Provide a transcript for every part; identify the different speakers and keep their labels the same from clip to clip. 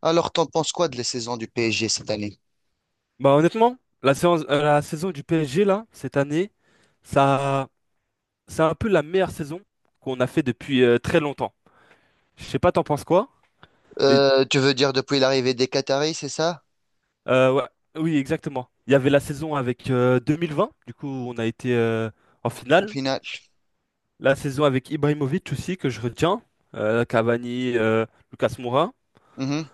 Speaker 1: Alors, t'en penses quoi de la saison du PSG cette année?
Speaker 2: Bah honnêtement, la saison du PSG là, cette année, ça, c'est un peu la meilleure saison qu'on a fait depuis très longtemps. Je sais pas, t'en penses quoi? Mais
Speaker 1: Tu veux dire depuis l'arrivée des Qataris, c'est ça?
Speaker 2: euh, ouais, oui, exactement. Il y avait la saison avec 2020, du coup on a été en
Speaker 1: En
Speaker 2: finale.
Speaker 1: finale.
Speaker 2: La saison avec Ibrahimovic aussi que je retiens, Cavani, Lucas Moura.
Speaker 1: Mhm.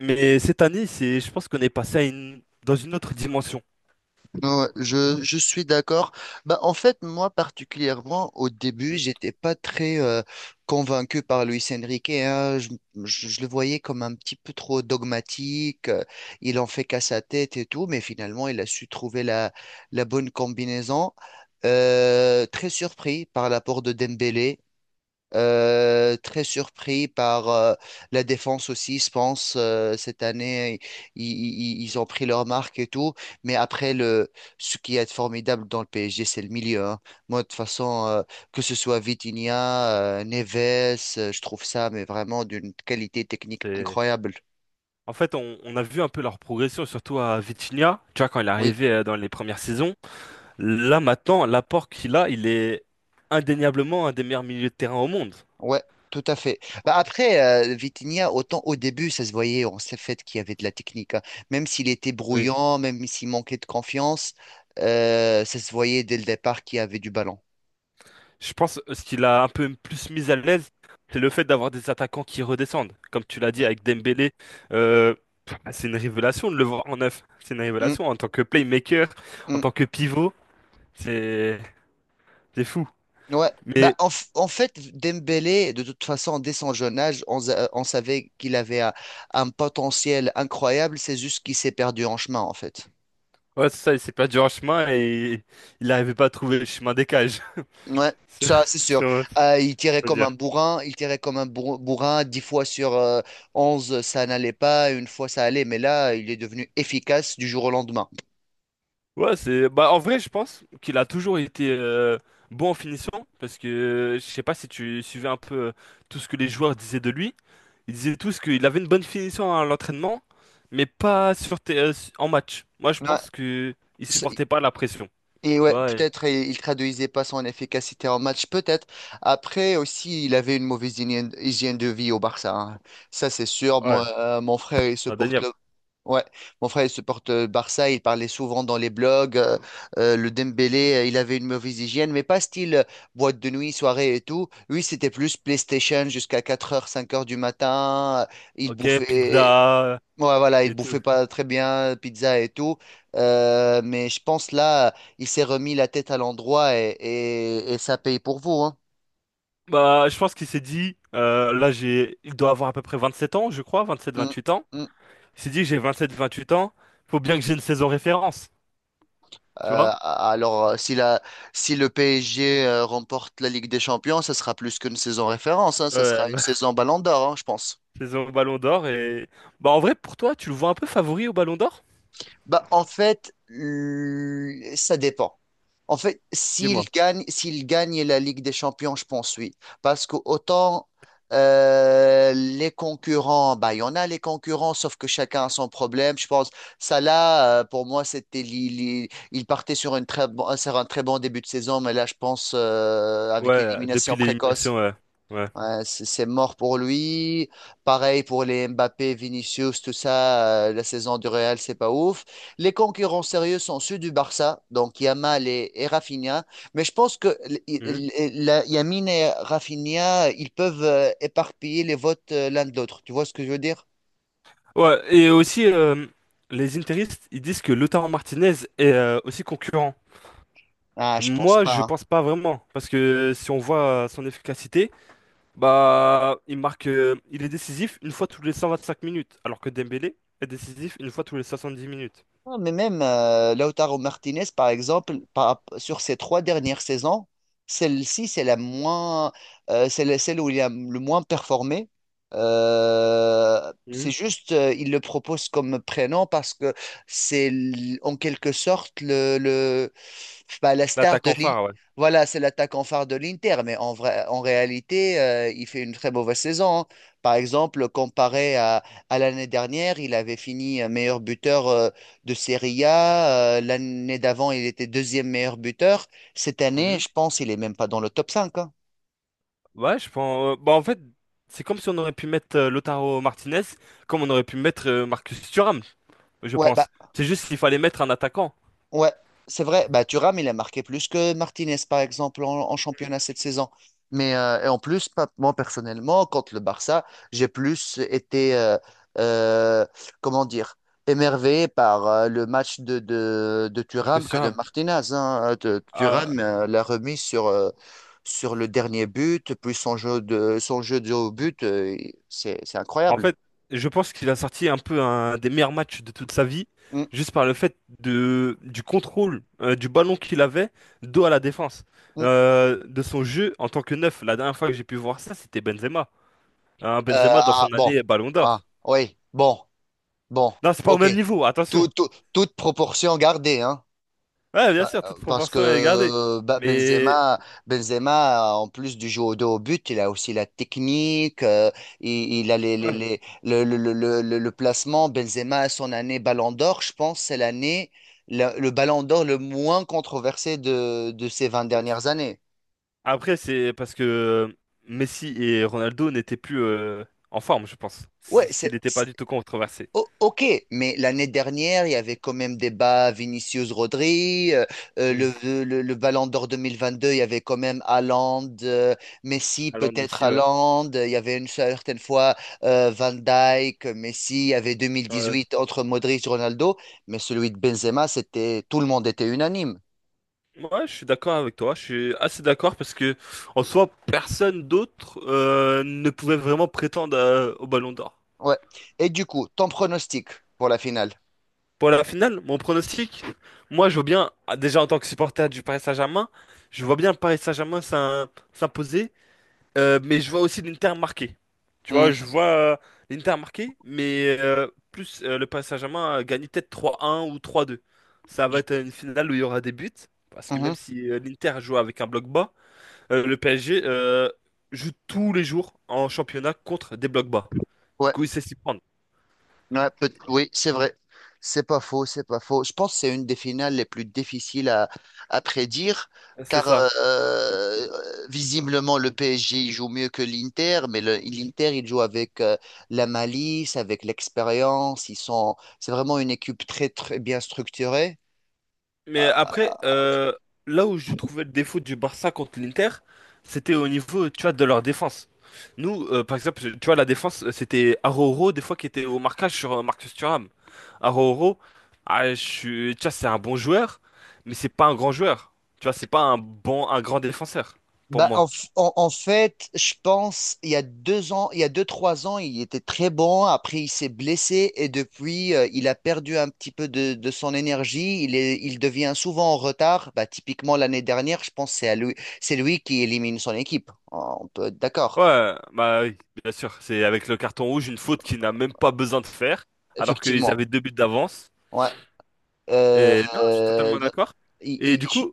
Speaker 2: Mais cette année, je pense qu'on est passé dans une autre dimension.
Speaker 1: Ouais, je suis d'accord. Bah, en fait, moi particulièrement, au début,
Speaker 2: Hmm.
Speaker 1: j'étais pas très convaincu par Luis Enrique, hein. Je le voyais comme un petit peu trop dogmatique. Il en fait qu'à sa tête et tout, mais finalement, il a su trouver la bonne combinaison. Très surpris par l'apport de Dembélé. Très surpris par la défense aussi, je pense, cette année, ils ont pris leur marque et tout. Mais après, ce qui est formidable dans le PSG, c'est le milieu, hein. Moi, de toute façon, que ce soit Vitinha, Neves, je trouve ça, mais vraiment d'une qualité technique
Speaker 2: C'est
Speaker 1: incroyable.
Speaker 2: En fait, on a vu un peu leur progression, surtout à Vitinha. Tu vois, quand il est
Speaker 1: Oui.
Speaker 2: arrivé dans les premières saisons, là maintenant, l'apport qu'il a, il est indéniablement un des meilleurs milieux de terrain au monde.
Speaker 1: Ouais, tout à fait. Bah après, Vitinha, autant au début, ça se voyait, on s'est fait qu'il y avait de la technique, hein. Même s'il était
Speaker 2: Oui.
Speaker 1: brouillant, même s'il manquait de confiance, ça se voyait dès le départ qu'il y avait du ballon.
Speaker 2: Je pense ce qu'il a un peu plus mis à l'aise, c'est le fait d'avoir des attaquants qui redescendent. Comme tu l'as dit avec Dembélé, euh, c'est une révélation de le voir en neuf. C'est une
Speaker 1: Mm,
Speaker 2: révélation en tant que playmaker, en
Speaker 1: mm,
Speaker 2: tant que pivot, c'est c'est fou.
Speaker 1: mm. Ouais. Bah,
Speaker 2: Mais
Speaker 1: en fait, Dembélé, de toute façon, dès son jeune âge, on savait qu'il avait un potentiel incroyable. C'est juste qu'il s'est perdu en chemin, en fait.
Speaker 2: ouais, c'est ça, il s'est perdu en chemin et il n'arrivait pas à trouver le chemin des cages.
Speaker 1: Ouais,
Speaker 2: C'est-
Speaker 1: ça c'est sûr.
Speaker 2: Sûrement, tu
Speaker 1: Il tirait
Speaker 2: peux
Speaker 1: comme
Speaker 2: dire.
Speaker 1: un bourrin, il tirait comme un bourrin, 10 fois sur 11 ça n'allait pas, une fois ça allait, mais là il est devenu efficace du jour au lendemain.
Speaker 2: Ouais, c'est bah en vrai, je pense qu'il a toujours été bon en finition parce que je sais pas si tu suivais un peu tout ce que les joueurs disaient de lui. Ils disaient tous qu'il avait une bonne finition à l'entraînement, mais pas sur tes- su- en match. Moi, je
Speaker 1: Ouais,
Speaker 2: pense que il
Speaker 1: c'est-
Speaker 2: supportait pas la pression,
Speaker 1: et
Speaker 2: tu
Speaker 1: ouais,
Speaker 2: vois. et-
Speaker 1: peut-être il traduisait pas son efficacité en match, peut-être. Après aussi, il avait une mauvaise hygiène, hygiène de vie au Barça, hein. Ça c'est sûr.
Speaker 2: Ouais,
Speaker 1: Moi, mon frère il supporte
Speaker 2: indéniable.
Speaker 1: le. Ouais, mon frère, il supporte Barça, il parlait souvent dans les blogs, le Dembélé, il avait une mauvaise hygiène, mais pas style boîte de nuit, soirée et tout. Lui, c'était plus PlayStation jusqu'à 4 heures, 5 heures du matin, il
Speaker 2: Ok,
Speaker 1: bouffait,
Speaker 2: pizza
Speaker 1: ouais, voilà, il
Speaker 2: et tout.
Speaker 1: bouffait pas très bien, pizza et tout. Mais je pense là, il s'est remis la tête à l'endroit et ça paye pour vous, hein.
Speaker 2: Bah, je pense qu'il s'est dit là j'ai il doit avoir à peu près 27 ans, je crois,
Speaker 1: Mm,
Speaker 2: 27-28 ans.
Speaker 1: mm.
Speaker 2: Il s'est dit, j'ai 27, 28 ans, faut bien que j'ai une saison référence, tu
Speaker 1: Euh,
Speaker 2: vois?
Speaker 1: alors, si le PSG remporte la Ligue des Champions, ça sera plus qu'une saison référence, hein, ça sera
Speaker 2: Euh,
Speaker 1: une saison Ballon d'Or, hein, je pense.
Speaker 2: saison Ballon d'Or et... Bah, en vrai, pour toi, tu le vois un peu favori au Ballon d'Or?
Speaker 1: Bah, en fait, ça dépend. En fait, s'il
Speaker 2: Dis-moi.
Speaker 1: gagne, s'il gagne la Ligue des Champions, je pense oui. Parce que autant les concurrents, bah, il y en a les concurrents, sauf que chacun a son problème. Je pense, Salah, pour moi, c'était, il partait sur un très bon début de saison, mais là, je pense, avec
Speaker 2: Ouais,
Speaker 1: l'élimination
Speaker 2: depuis
Speaker 1: précoce.
Speaker 2: l'élimination, ouais. Ouais.
Speaker 1: Ouais, c'est mort pour lui. Pareil pour les Mbappé, Vinicius, tout ça. La saison du Real, c'est pas ouf. Les concurrents sérieux sont ceux du Barça, donc Yamal et Rafinha. Mais je pense que
Speaker 2: Mhm.
Speaker 1: Yamin et Rafinha, ils peuvent éparpiller les votes l'un de l'autre. Tu vois ce que je veux dire?
Speaker 2: Ouais, et aussi, les interistes, ils disent que Lautaro Martinez est aussi concurrent.
Speaker 1: Ah, je pense
Speaker 2: Moi,
Speaker 1: pas,
Speaker 2: je
Speaker 1: hein.
Speaker 2: pense pas vraiment, parce que si on voit son efficacité, bah, il marque, il est décisif une fois tous les 125 minutes, alors que Dembélé est décisif une fois tous les 70 minutes.
Speaker 1: Ah, mais même Lautaro Martinez, par exemple, sur ses trois dernières saisons, celle-ci, c'est la moins, celle où il a le moins performé. C'est
Speaker 2: Mmh.
Speaker 1: juste, il le propose comme prénom parce que c'est en quelque sorte le bah, la star de
Speaker 2: L'attaquant
Speaker 1: l'Inter.
Speaker 2: phare, ouais.
Speaker 1: Voilà, c'est l'attaquant phare de l'Inter, mais en vrai, en réalité, il fait une très mauvaise saison, hein. Par exemple, comparé à l'année dernière, il avait fini meilleur buteur de Serie A. L'année d'avant, il était deuxième meilleur buteur. Cette année,
Speaker 2: Mhm.
Speaker 1: je pense, il est même pas dans le top 5, hein.
Speaker 2: Ouais, je pense. Bah, en fait, c'est comme si on aurait pu mettre Lautaro Martinez, comme on aurait pu mettre Marcus Thuram, je
Speaker 1: Ouais,
Speaker 2: pense. C'est juste qu'il fallait mettre un attaquant,
Speaker 1: ouais, c'est vrai. Bah, Thuram, il a marqué plus que Martinez, par exemple, en championnat cette saison. Mais et en plus, moi personnellement, contre le Barça, j'ai plus été, euh, comment dire, émerveillé par le match de Thuram
Speaker 2: Marcus
Speaker 1: que de
Speaker 2: Thuram.
Speaker 1: Martinez, hein.
Speaker 2: Euh,
Speaker 1: Thuram l'a remis sur le dernier but, puis son jeu de haut but, c'est
Speaker 2: en
Speaker 1: incroyable.
Speaker 2: fait, je pense qu'il a sorti un peu un des meilleurs matchs de toute sa vie,
Speaker 1: Mm,
Speaker 2: juste par le fait du contrôle du ballon qu'il avait, dos à la défense,
Speaker 1: mm. Euh,
Speaker 2: De son jeu en tant que neuf. La dernière fois que j'ai pu voir ça, c'était Benzema. Hein, Benzema dans
Speaker 1: ah,
Speaker 2: son
Speaker 1: bon.
Speaker 2: année Ballon
Speaker 1: Ah,
Speaker 2: d'Or.
Speaker 1: oui, bon, bon,
Speaker 2: Non, c'est pas au
Speaker 1: ok.
Speaker 2: même niveau,
Speaker 1: Tout-
Speaker 2: attention.
Speaker 1: tout- toute proportion gardée, hein.
Speaker 2: Ouais, bien
Speaker 1: Pa-
Speaker 2: sûr,
Speaker 1: euh,
Speaker 2: toute
Speaker 1: Parce
Speaker 2: proportion à garder.
Speaker 1: que bah,
Speaker 2: Mais
Speaker 1: Benzema, en plus du jeu au dos au but, il a aussi la technique, il a
Speaker 2: ouais.
Speaker 1: le placement. Benzema, son année Ballon d'Or, je pense, c'est l'année, Ballon d'Or le moins controversé de ces 20
Speaker 2: euh,
Speaker 1: dernières années.
Speaker 2: Après, c'est parce que Messi et Ronaldo n'étaient plus en forme, je pense.
Speaker 1: Ouais,
Speaker 2: S'il n'était pas du tout controversé.
Speaker 1: Ok, mais l'année dernière, il y avait quand même débat Vinicius-Rodri, euh,
Speaker 2: Hmm.
Speaker 1: le, le Ballon d'Or 2022, il y avait quand même Haaland, Messi,
Speaker 2: Alors,
Speaker 1: peut-être
Speaker 2: Messi, ouais.
Speaker 1: Haaland, il y avait une certaine fois Van Dijk, Messi, il y avait
Speaker 2: Ouais,
Speaker 1: 2018 entre Modric, Ronaldo, mais celui de Benzema, c'était, tout le monde était unanime.
Speaker 2: Ouais, je suis d'accord avec toi. Je suis assez d'accord parce que, en soi, personne d'autre ne pouvait vraiment prétendre au Ballon d'Or.
Speaker 1: Ouais. Et du coup, ton pronostic pour la finale?
Speaker 2: Pour la finale, mon pronostic, moi, je vois bien, ah, déjà en tant que supporter du Paris Saint-Germain, je vois bien le Paris Saint-Germain s'imposer. Mais je vois aussi l'Inter marqué. Tu
Speaker 1: Hmm.
Speaker 2: vois, je vois l'Inter marqué, mais plus le Paris Saint-Germain gagner peut-être 3-1 ou 3-2. Ça va
Speaker 1: Je-
Speaker 2: être une finale où il y aura des buts, parce que même
Speaker 1: mhm.
Speaker 2: si l'Inter joue avec un bloc bas, le PSG joue tous les jours en championnat contre des blocs bas. Du
Speaker 1: Ouais.
Speaker 2: coup, il sait s'y prendre.
Speaker 1: Ouais, oui, c'est vrai. C'est pas faux, c'est pas faux. Je pense que c'est une des finales les plus difficiles à prédire,
Speaker 2: C'est
Speaker 1: car
Speaker 2: ça.
Speaker 1: visiblement le PSG il joue mieux que l'Inter, mais l'Inter il joue avec la malice, avec l'expérience. Ils sont, c'est vraiment une équipe très très bien structurée.
Speaker 2: Mais après,
Speaker 1: Euh,
Speaker 2: là où je trouvais le défaut du Barça contre l'Inter, c'était au niveau, tu vois, de leur défense. Nous, par exemple, tu vois, la défense, c'était Araujo, des fois, qui était au marquage sur Marcus Thuram. Araujo, tu vois, c'est un bon joueur, mais c'est pas un grand joueur. Tu vois, c'est pas un grand défenseur, pour
Speaker 1: Bah,
Speaker 2: moi.
Speaker 1: en fait, je pense, il y a 2 ans, il y a 2, 3 ans, il était très bon. Après, il s'est blessé et depuis, il a perdu un petit peu de son énergie. Il devient souvent en retard. Bah, typiquement, l'année dernière, je pense que c'est à lui, c'est lui qui élimine son équipe. Ah, on peut être d'accord.
Speaker 2: Ouais, bah oui, bien sûr. C'est avec le carton rouge, une faute qu'il n'a même pas besoin de faire, alors qu'ils
Speaker 1: Effectivement.
Speaker 2: avaient 2 buts d'avance.
Speaker 1: Ouais. Euh,
Speaker 2: Et non, je suis totalement d'accord.
Speaker 1: il-
Speaker 2: Et
Speaker 1: il-
Speaker 2: du coup,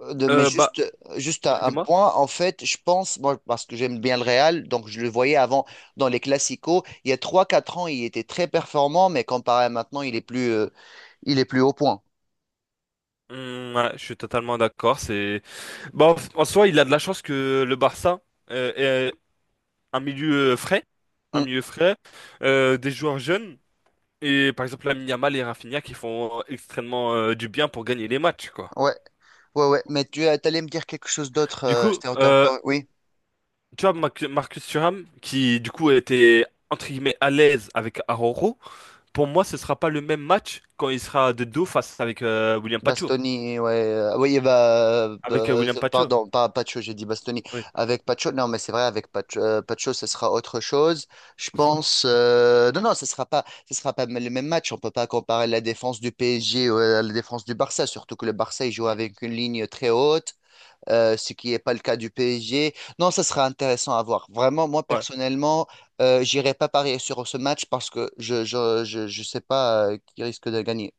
Speaker 1: mais
Speaker 2: euh, bah,
Speaker 1: juste un,
Speaker 2: Ouais,
Speaker 1: un
Speaker 2: dis-moi.
Speaker 1: point, en fait, je pense, moi, parce que j'aime bien le Real, donc je le voyais avant dans les Classicos, il y a trois quatre ans, il était très performant, mais comparé à maintenant, il est plus au point.
Speaker 2: Ouais, je suis totalement d'accord. C'est bah, en en soi, il a de la chance que le Barça euh, ait un milieu frais, un
Speaker 1: Mm,
Speaker 2: milieu frais, des joueurs jeunes et par exemple Lamine Yamal et Rafinha qui font extrêmement du bien pour gagner les matchs, quoi.
Speaker 1: ouais, ouais, ouais, mais tu t'allais me dire quelque chose d'autre,
Speaker 2: Du coup,
Speaker 1: j'étais en retard. Oui.
Speaker 2: tu vois Marcus Thuram qui du coup était entre guillemets à l'aise avec Araujo. Pour moi, ce sera pas le même match quand il sera de dos face avec William Pacho.
Speaker 1: Bastoni, ouais. Oui, bah,
Speaker 2: Avec euh, William Pacho.
Speaker 1: pardon, pas Pacho, j'ai dit Bastoni.
Speaker 2: Oui.
Speaker 1: Avec Pacho, non, mais c'est vrai, avec Pacho, Pacho, ce sera autre chose. Je pense, non, non, ce sera pas, le même match. On peut pas comparer la défense du PSG à la défense du Barça, surtout que le Barça, il joue
Speaker 2: Mm.
Speaker 1: avec une ligne très haute, ce qui n'est pas le cas du PSG. Non, ça sera intéressant à voir. Vraiment, moi,
Speaker 2: Ouais.
Speaker 1: personnellement, j'irai pas parier sur ce match parce que je sais pas qui risque de gagner.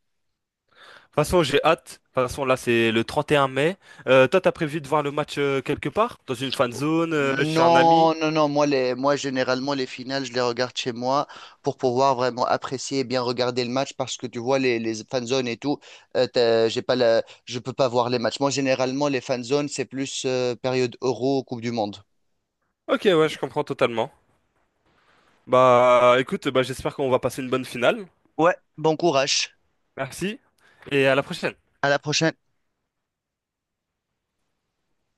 Speaker 2: De toute façon, j'ai hâte. De toute façon, là, c'est le 31 mai. Toi, t'as prévu de voir le match quelque part? Dans une fan zone, chez un ami?
Speaker 1: Non, non, non, moi, moi, généralement, les finales, je les regarde chez moi pour pouvoir vraiment apprécier et bien regarder le match parce que tu vois, les fan zones et tout, j'ai pas je peux pas voir les matchs. Moi, généralement, les fan zones, c'est plus période Euro, Coupe du Monde.
Speaker 2: Ok, ouais, je comprends totalement. Bah, écoute, bah, j'espère qu'on va passer une bonne finale.
Speaker 1: Ouais, bon courage.
Speaker 2: Merci et à la prochaine.
Speaker 1: À la prochaine.